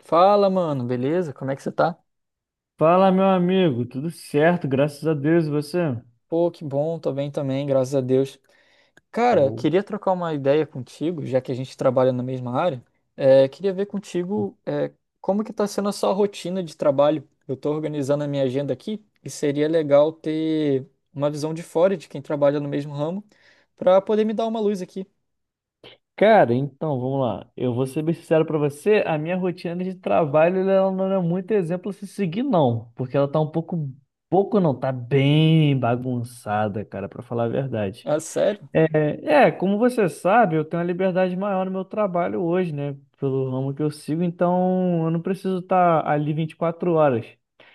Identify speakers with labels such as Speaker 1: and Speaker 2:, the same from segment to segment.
Speaker 1: Fala, mano, beleza? Como é que você tá?
Speaker 2: Fala, meu amigo, tudo certo, graças a Deus, e você?
Speaker 1: Pô, que bom, tô bem também, graças a Deus. Cara,
Speaker 2: Ou-
Speaker 1: queria trocar uma ideia contigo, já que a gente trabalha na mesma área. É, queria ver contigo, como que tá sendo a sua rotina de trabalho. Eu tô organizando a minha agenda aqui e seria legal ter uma visão de fora de quem trabalha no mesmo ramo pra poder me dar uma luz aqui.
Speaker 2: Cara, então, vamos lá. Eu vou ser bem sincero pra você, a minha rotina de trabalho ela não é muito exemplo a se seguir, não, porque ela tá um pouco, pouco não, tá bem bagunçada, cara, pra falar a verdade.
Speaker 1: Ah, sério?
Speaker 2: Como você sabe, eu tenho uma liberdade maior no meu trabalho hoje, né? Pelo ramo que eu sigo, então eu não preciso estar ali 24 horas.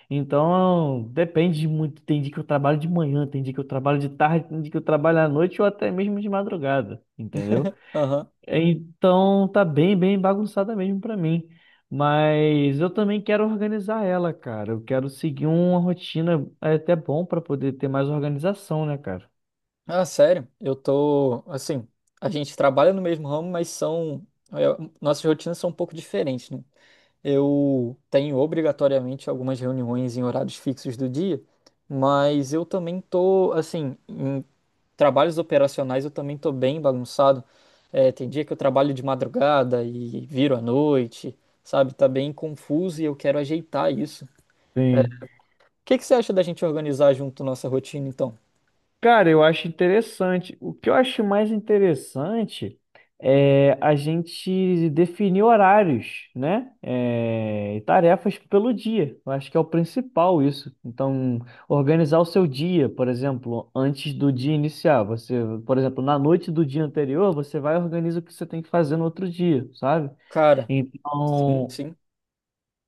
Speaker 2: Então, depende de muito. Tem dia que eu trabalho de manhã, tem dia que eu trabalho de tarde, tem dia que eu trabalho à noite ou até mesmo de madrugada, entendeu?
Speaker 1: Aham.
Speaker 2: Então, tá bem bagunçada mesmo pra mim. Mas eu também quero organizar ela, cara. Eu quero seguir uma rotina é até bom pra poder ter mais organização, né, cara?
Speaker 1: Ah, sério? Eu tô, assim, a gente trabalha no mesmo ramo, mas são, é, nossas rotinas são um pouco diferentes, né? Eu tenho obrigatoriamente algumas reuniões em horários fixos do dia, mas eu também tô, assim, em trabalhos operacionais eu também tô bem bagunçado. Tem dia que eu trabalho de madrugada e viro à noite, sabe? Tá bem confuso e eu quero ajeitar isso. O
Speaker 2: Sim.
Speaker 1: que que você acha da gente organizar junto nossa rotina, então?
Speaker 2: Cara, eu acho interessante. O que eu acho mais interessante é a gente definir horários, né? É, e tarefas pelo dia. Eu acho que é o principal isso. Então, organizar o seu dia, por exemplo, antes do dia iniciar. Você, por exemplo, na noite do dia anterior, você vai e organiza o que você tem que fazer no outro dia, sabe?
Speaker 1: Cara, sim,
Speaker 2: Então,
Speaker 1: sim.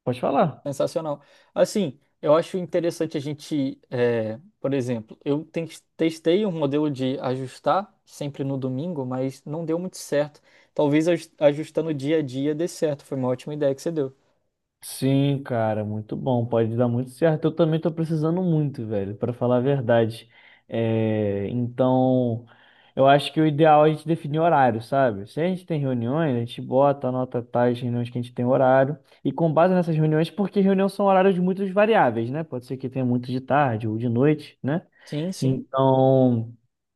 Speaker 2: pode falar.
Speaker 1: Sensacional. Assim, eu acho interessante a gente, por exemplo, testei um modelo de ajustar sempre no domingo, mas não deu muito certo. Talvez ajustando dia a dia dê certo. Foi uma ótima ideia que você deu.
Speaker 2: Sim, cara, muito bom. Pode dar muito certo. Eu também tô precisando muito, velho, pra falar a verdade. É, então, eu acho que o ideal é a gente definir horário, sabe? Se a gente tem reuniões, a gente bota, anota tais reuniões que a gente tem horário. E com base nessas reuniões, porque reuniões são horários muito variáveis, né? Pode ser que tenha muito de tarde ou de noite, né?
Speaker 1: Sim, sim.
Speaker 2: Então,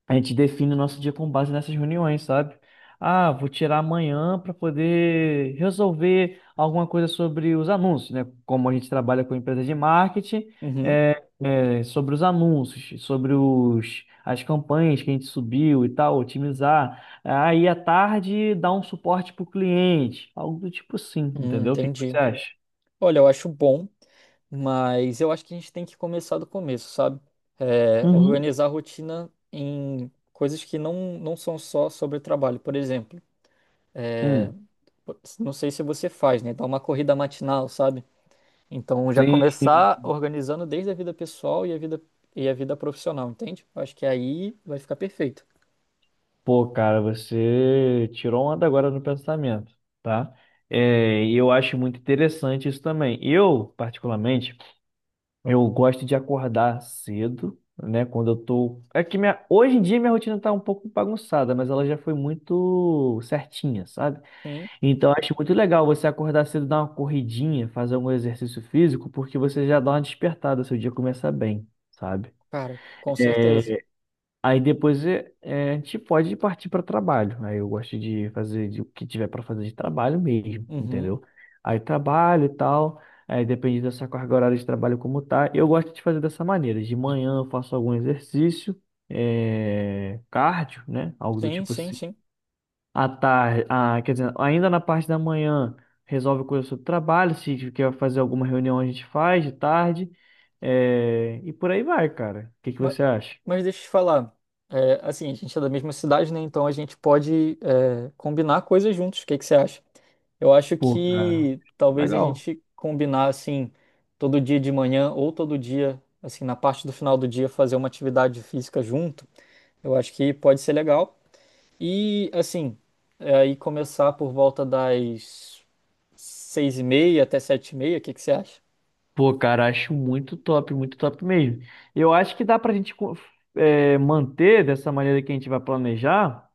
Speaker 2: a gente define o nosso dia com base nessas reuniões, sabe? Ah, vou tirar amanhã para poder resolver alguma coisa sobre os anúncios, né? Como a gente trabalha com empresa de marketing,
Speaker 1: Uhum.
Speaker 2: sobre os anúncios, sobre as campanhas que a gente subiu e tal, otimizar. Aí à tarde dá um suporte para o cliente, algo do tipo assim, entendeu? O que que você
Speaker 1: Entendi.
Speaker 2: acha?
Speaker 1: Olha, eu acho bom, mas eu acho que a gente tem que começar do começo, sabe?
Speaker 2: Uhum.
Speaker 1: Organizar a rotina em coisas que não são só sobre trabalho. Por exemplo. eh,
Speaker 2: Hum,
Speaker 1: Não sei se você faz, né? Dá uma corrida matinal, sabe? Então já
Speaker 2: sim.
Speaker 1: começar organizando desde a vida pessoal e a vida profissional, entende? Eu acho que aí vai ficar perfeito.
Speaker 2: Pô, cara, você tirou onda agora no pensamento, tá? É, e eu acho muito interessante isso também. Eu, particularmente, eu gosto de acordar cedo, né? Quando eu tô. É que minha... hoje em dia minha rotina tá um pouco bagunçada, mas ela já foi muito certinha, sabe?
Speaker 1: Sim,
Speaker 2: Então eu acho muito legal você acordar cedo, dar uma corridinha, fazer algum exercício físico, porque você já dá uma despertada, seu dia começa bem, sabe?
Speaker 1: cara, com certeza.
Speaker 2: Aí depois a gente pode partir para trabalho. Aí eu gosto de fazer o que tiver para fazer de trabalho mesmo,
Speaker 1: Uhum.
Speaker 2: entendeu? Aí trabalho e tal. Aí depende dessa carga horária de trabalho como tá. Eu gosto de fazer dessa maneira. De manhã eu faço algum exercício, cardio, né? Algo do
Speaker 1: Sim,
Speaker 2: tipo
Speaker 1: sim,
Speaker 2: assim.
Speaker 1: sim.
Speaker 2: À tarde, ah, quer dizer, ainda na parte da manhã resolve coisa sobre trabalho. Se quer fazer alguma reunião a gente faz de tarde. É, e por aí vai, cara. O que que
Speaker 1: Ma-
Speaker 2: você acha?
Speaker 1: Mas deixa eu te falar. Assim, a gente é da mesma cidade, né? Então a gente pode, combinar coisas juntos. O que que você acha? Eu acho
Speaker 2: Pô, cara,
Speaker 1: que talvez a
Speaker 2: legal.
Speaker 1: gente combinar, assim, todo dia de manhã ou todo dia, assim, na parte do final do dia, fazer uma atividade física junto. Eu acho que pode ser legal. E, assim, aí começar por volta das 6:30 até 7:30. O que que você acha?
Speaker 2: Pô, cara, acho muito top mesmo. Eu acho que dá pra gente é, manter dessa maneira que a gente vai planejar,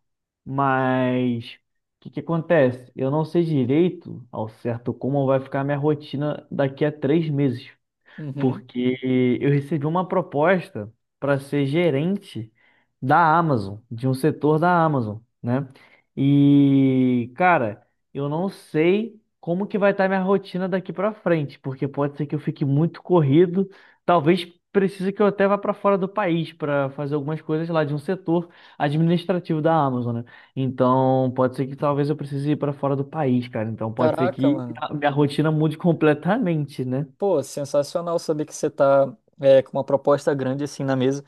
Speaker 2: mas o que que acontece? Eu não sei direito ao certo como vai ficar a minha rotina daqui a 3 meses.
Speaker 1: Uhum.
Speaker 2: Porque eu recebi uma proposta para ser gerente da Amazon, de um setor da Amazon, né? E, cara, eu não sei como que vai estar minha rotina daqui para frente, porque pode ser que eu fique muito corrido, talvez precise que eu até vá para fora do país para fazer algumas coisas lá de um setor administrativo da Amazon, né? Então, pode ser que talvez eu precise ir para fora do país, cara. Então, pode ser
Speaker 1: Caraca,
Speaker 2: que
Speaker 1: mano.
Speaker 2: a minha rotina mude completamente, né?
Speaker 1: Pô, sensacional saber que você tá com uma proposta grande assim na mesa.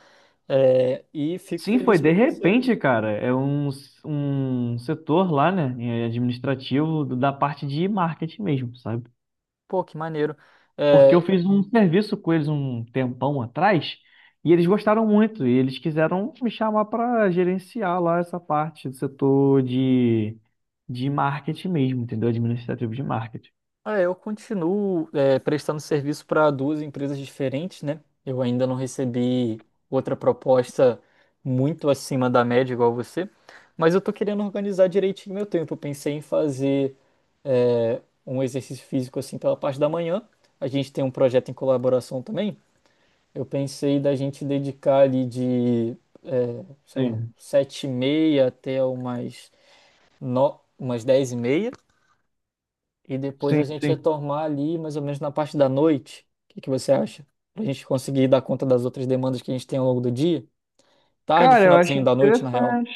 Speaker 1: É, e fico
Speaker 2: Sim, foi
Speaker 1: feliz
Speaker 2: de
Speaker 1: por você.
Speaker 2: repente, cara. Um setor lá, né, é administrativo da parte de marketing mesmo, sabe?
Speaker 1: Pô, que maneiro.
Speaker 2: Porque eu
Speaker 1: É,
Speaker 2: fiz um serviço com eles um tempão atrás e eles gostaram muito e eles quiseram me chamar para gerenciar lá essa parte do setor de marketing mesmo, entendeu? Administrativo de marketing.
Speaker 1: ah, eu continuo prestando serviço para duas empresas diferentes, né? Eu ainda não recebi outra proposta muito acima da média igual você, mas eu tô querendo organizar direitinho meu tempo. Eu pensei em fazer um exercício físico assim pela parte da manhã. A gente tem um projeto em colaboração também. Eu pensei da gente dedicar ali de, sei lá,
Speaker 2: Sim,
Speaker 1: 7:30 até umas, no... umas 10:30. E depois a
Speaker 2: sim,
Speaker 1: gente
Speaker 2: sim.
Speaker 1: retomar ali mais ou menos na parte da noite. O que que você acha? Pra gente conseguir dar conta das outras demandas que a gente tem ao longo do dia. Tarde,
Speaker 2: Cara, eu acho
Speaker 1: finalzinho da noite, na real.
Speaker 2: interessante.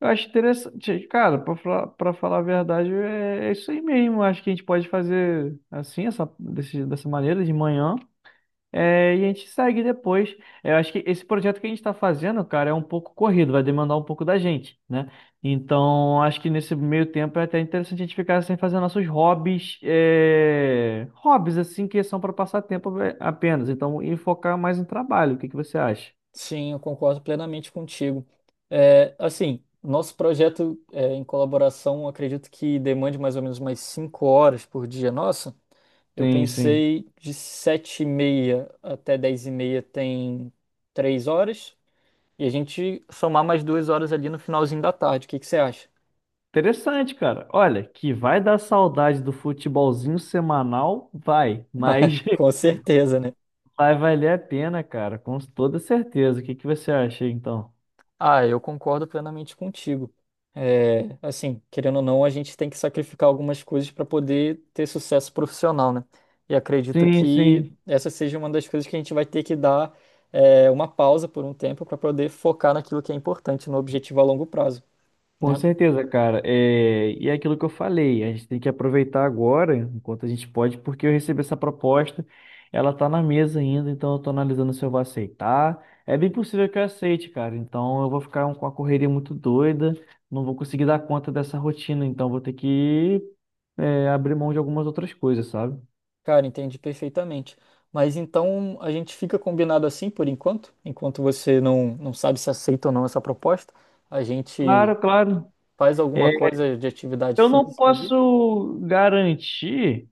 Speaker 2: Eu acho interessante. Cara, pra falar a verdade, é isso aí mesmo. Acho que a gente pode fazer assim, dessa maneira, de manhã. É, e a gente segue depois. É, eu acho que esse projeto que a gente está fazendo, cara, é um pouco corrido, vai demandar um pouco da gente, né? Então, acho que nesse meio tempo é até interessante a gente ficar sem fazer nossos hobbies, hobbies assim que são para passar tempo é, apenas. Então, e focar mais em trabalho. O que que você acha?
Speaker 1: Sim, eu concordo plenamente contigo. Assim, nosso projeto é, em colaboração, acredito que demande mais ou menos umas 5 horas por dia nossa. Eu
Speaker 2: Sim, sim.
Speaker 1: pensei de 7:30 até 10:30 tem 3 horas. E a gente somar mais 2 horas ali no finalzinho da tarde. O que que você acha?
Speaker 2: Interessante, cara. Olha, que vai dar saudade do futebolzinho semanal, vai. Mas
Speaker 1: Com certeza, né?
Speaker 2: vai valer a pena, cara, com toda certeza. O que que você acha, então?
Speaker 1: Ah, eu concordo plenamente contigo. Assim, querendo ou não, a gente tem que sacrificar algumas coisas para poder ter sucesso profissional, né? E acredito
Speaker 2: Sim,
Speaker 1: que
Speaker 2: sim.
Speaker 1: essa seja uma das coisas que a gente vai ter que dar, uma pausa por um tempo para poder focar naquilo que é importante, no objetivo a longo prazo,
Speaker 2: Com
Speaker 1: né?
Speaker 2: certeza, cara. É, e é aquilo que eu falei, a gente tem que aproveitar agora, enquanto a gente pode, porque eu recebi essa proposta, ela tá na mesa ainda, então eu tô analisando se eu vou aceitar. É bem possível que eu aceite, cara. Então eu vou ficar com uma correria muito doida, não vou conseguir dar conta dessa rotina, então vou ter que, abrir mão de algumas outras coisas, sabe?
Speaker 1: Cara, entendi perfeitamente. Mas então a gente fica combinado assim por enquanto, enquanto você não sabe se aceita ou não essa proposta, a gente
Speaker 2: Claro, claro.
Speaker 1: faz alguma
Speaker 2: É,
Speaker 1: coisa de atividade
Speaker 2: eu não
Speaker 1: física ali.
Speaker 2: posso garantir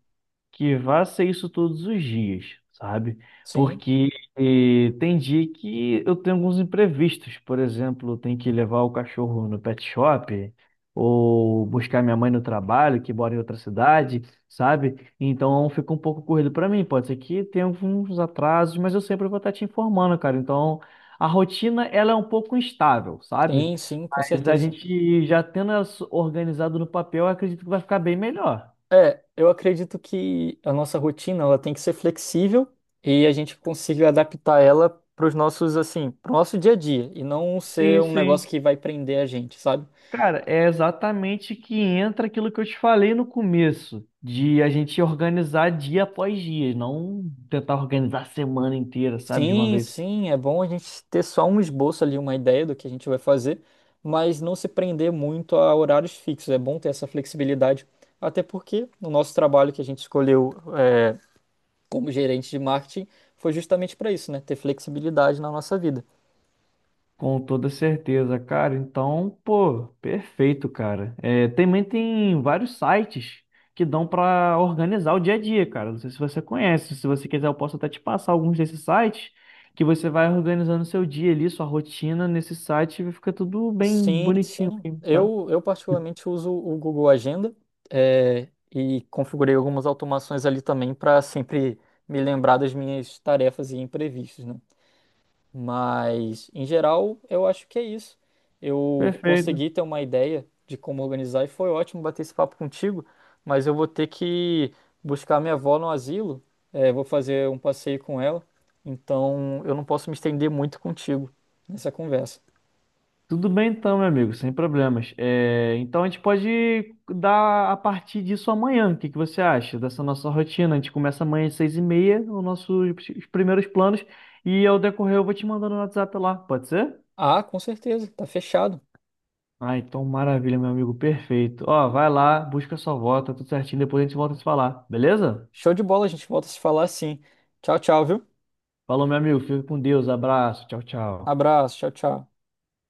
Speaker 2: que vá ser isso todos os dias, sabe?
Speaker 1: Sim,
Speaker 2: Porque tem dia que eu tenho alguns imprevistos. Por exemplo, eu tenho que levar o cachorro no pet shop ou buscar minha mãe no trabalho, que mora em outra cidade, sabe? Então fica um pouco corrido para mim. Pode ser que tenha alguns atrasos, mas eu sempre vou estar te informando, cara. Então a rotina ela é um pouco instável, sabe?
Speaker 1: sim, sim, com
Speaker 2: Mas a
Speaker 1: certeza.
Speaker 2: gente já tendo ela organizado no papel, eu acredito que vai ficar bem melhor.
Speaker 1: Eu acredito que a nossa rotina ela tem que ser flexível e a gente consiga adaptar ela para o nosso dia a dia e não ser
Speaker 2: Sim,
Speaker 1: um negócio
Speaker 2: sim.
Speaker 1: que vai prender a gente, sabe?
Speaker 2: Cara, é exatamente que entra aquilo que eu te falei no começo, de a gente organizar dia após dia, não tentar organizar a semana inteira, sabe, de uma
Speaker 1: Sim,
Speaker 2: vez.
Speaker 1: sim, é bom a gente ter só um esboço ali, uma ideia do que a gente vai fazer, mas não se prender muito a horários fixos. É bom ter essa flexibilidade, até porque no nosso trabalho que a gente escolheu é, como gerente de marketing foi justamente para isso, né? Ter flexibilidade na nossa vida.
Speaker 2: Com toda certeza, cara. Então, pô, perfeito, cara. É, também tem vários sites que dão pra organizar o dia a dia, cara. Não sei se você conhece, se você quiser, eu posso até te passar alguns desses sites que você vai organizando seu dia ali, sua rotina nesse site e fica tudo bem
Speaker 1: Sim,
Speaker 2: bonitinho,
Speaker 1: sim.
Speaker 2: assim, sabe?
Speaker 1: Eu particularmente uso o Google Agenda, é, e configurei algumas automações ali também para sempre me lembrar das minhas tarefas e imprevistos, né? Mas, em geral, eu acho que é isso. Eu
Speaker 2: Perfeito.
Speaker 1: consegui ter uma ideia de como organizar e foi ótimo bater esse papo contigo, mas eu vou ter que buscar minha avó no asilo, vou fazer um passeio com ela, então eu não posso me estender muito contigo nessa conversa.
Speaker 2: Tudo bem então, meu amigo, sem problemas. É, então a gente pode dar a partir disso amanhã. O que que você acha dessa nossa rotina? A gente começa amanhã às 6:30, os primeiros planos, e ao decorrer eu vou te mandando no WhatsApp lá, pode ser?
Speaker 1: Ah, com certeza, tá fechado.
Speaker 2: Ah, então maravilha, meu amigo, perfeito. Ó, vai lá, busca sua volta, tudo certinho, depois a gente volta a se falar, beleza?
Speaker 1: Show de bola, a gente volta a se falar assim. Tchau, tchau, viu?
Speaker 2: Falou, meu amigo, fica com Deus, abraço, tchau, tchau.
Speaker 1: Abraço, tchau, tchau.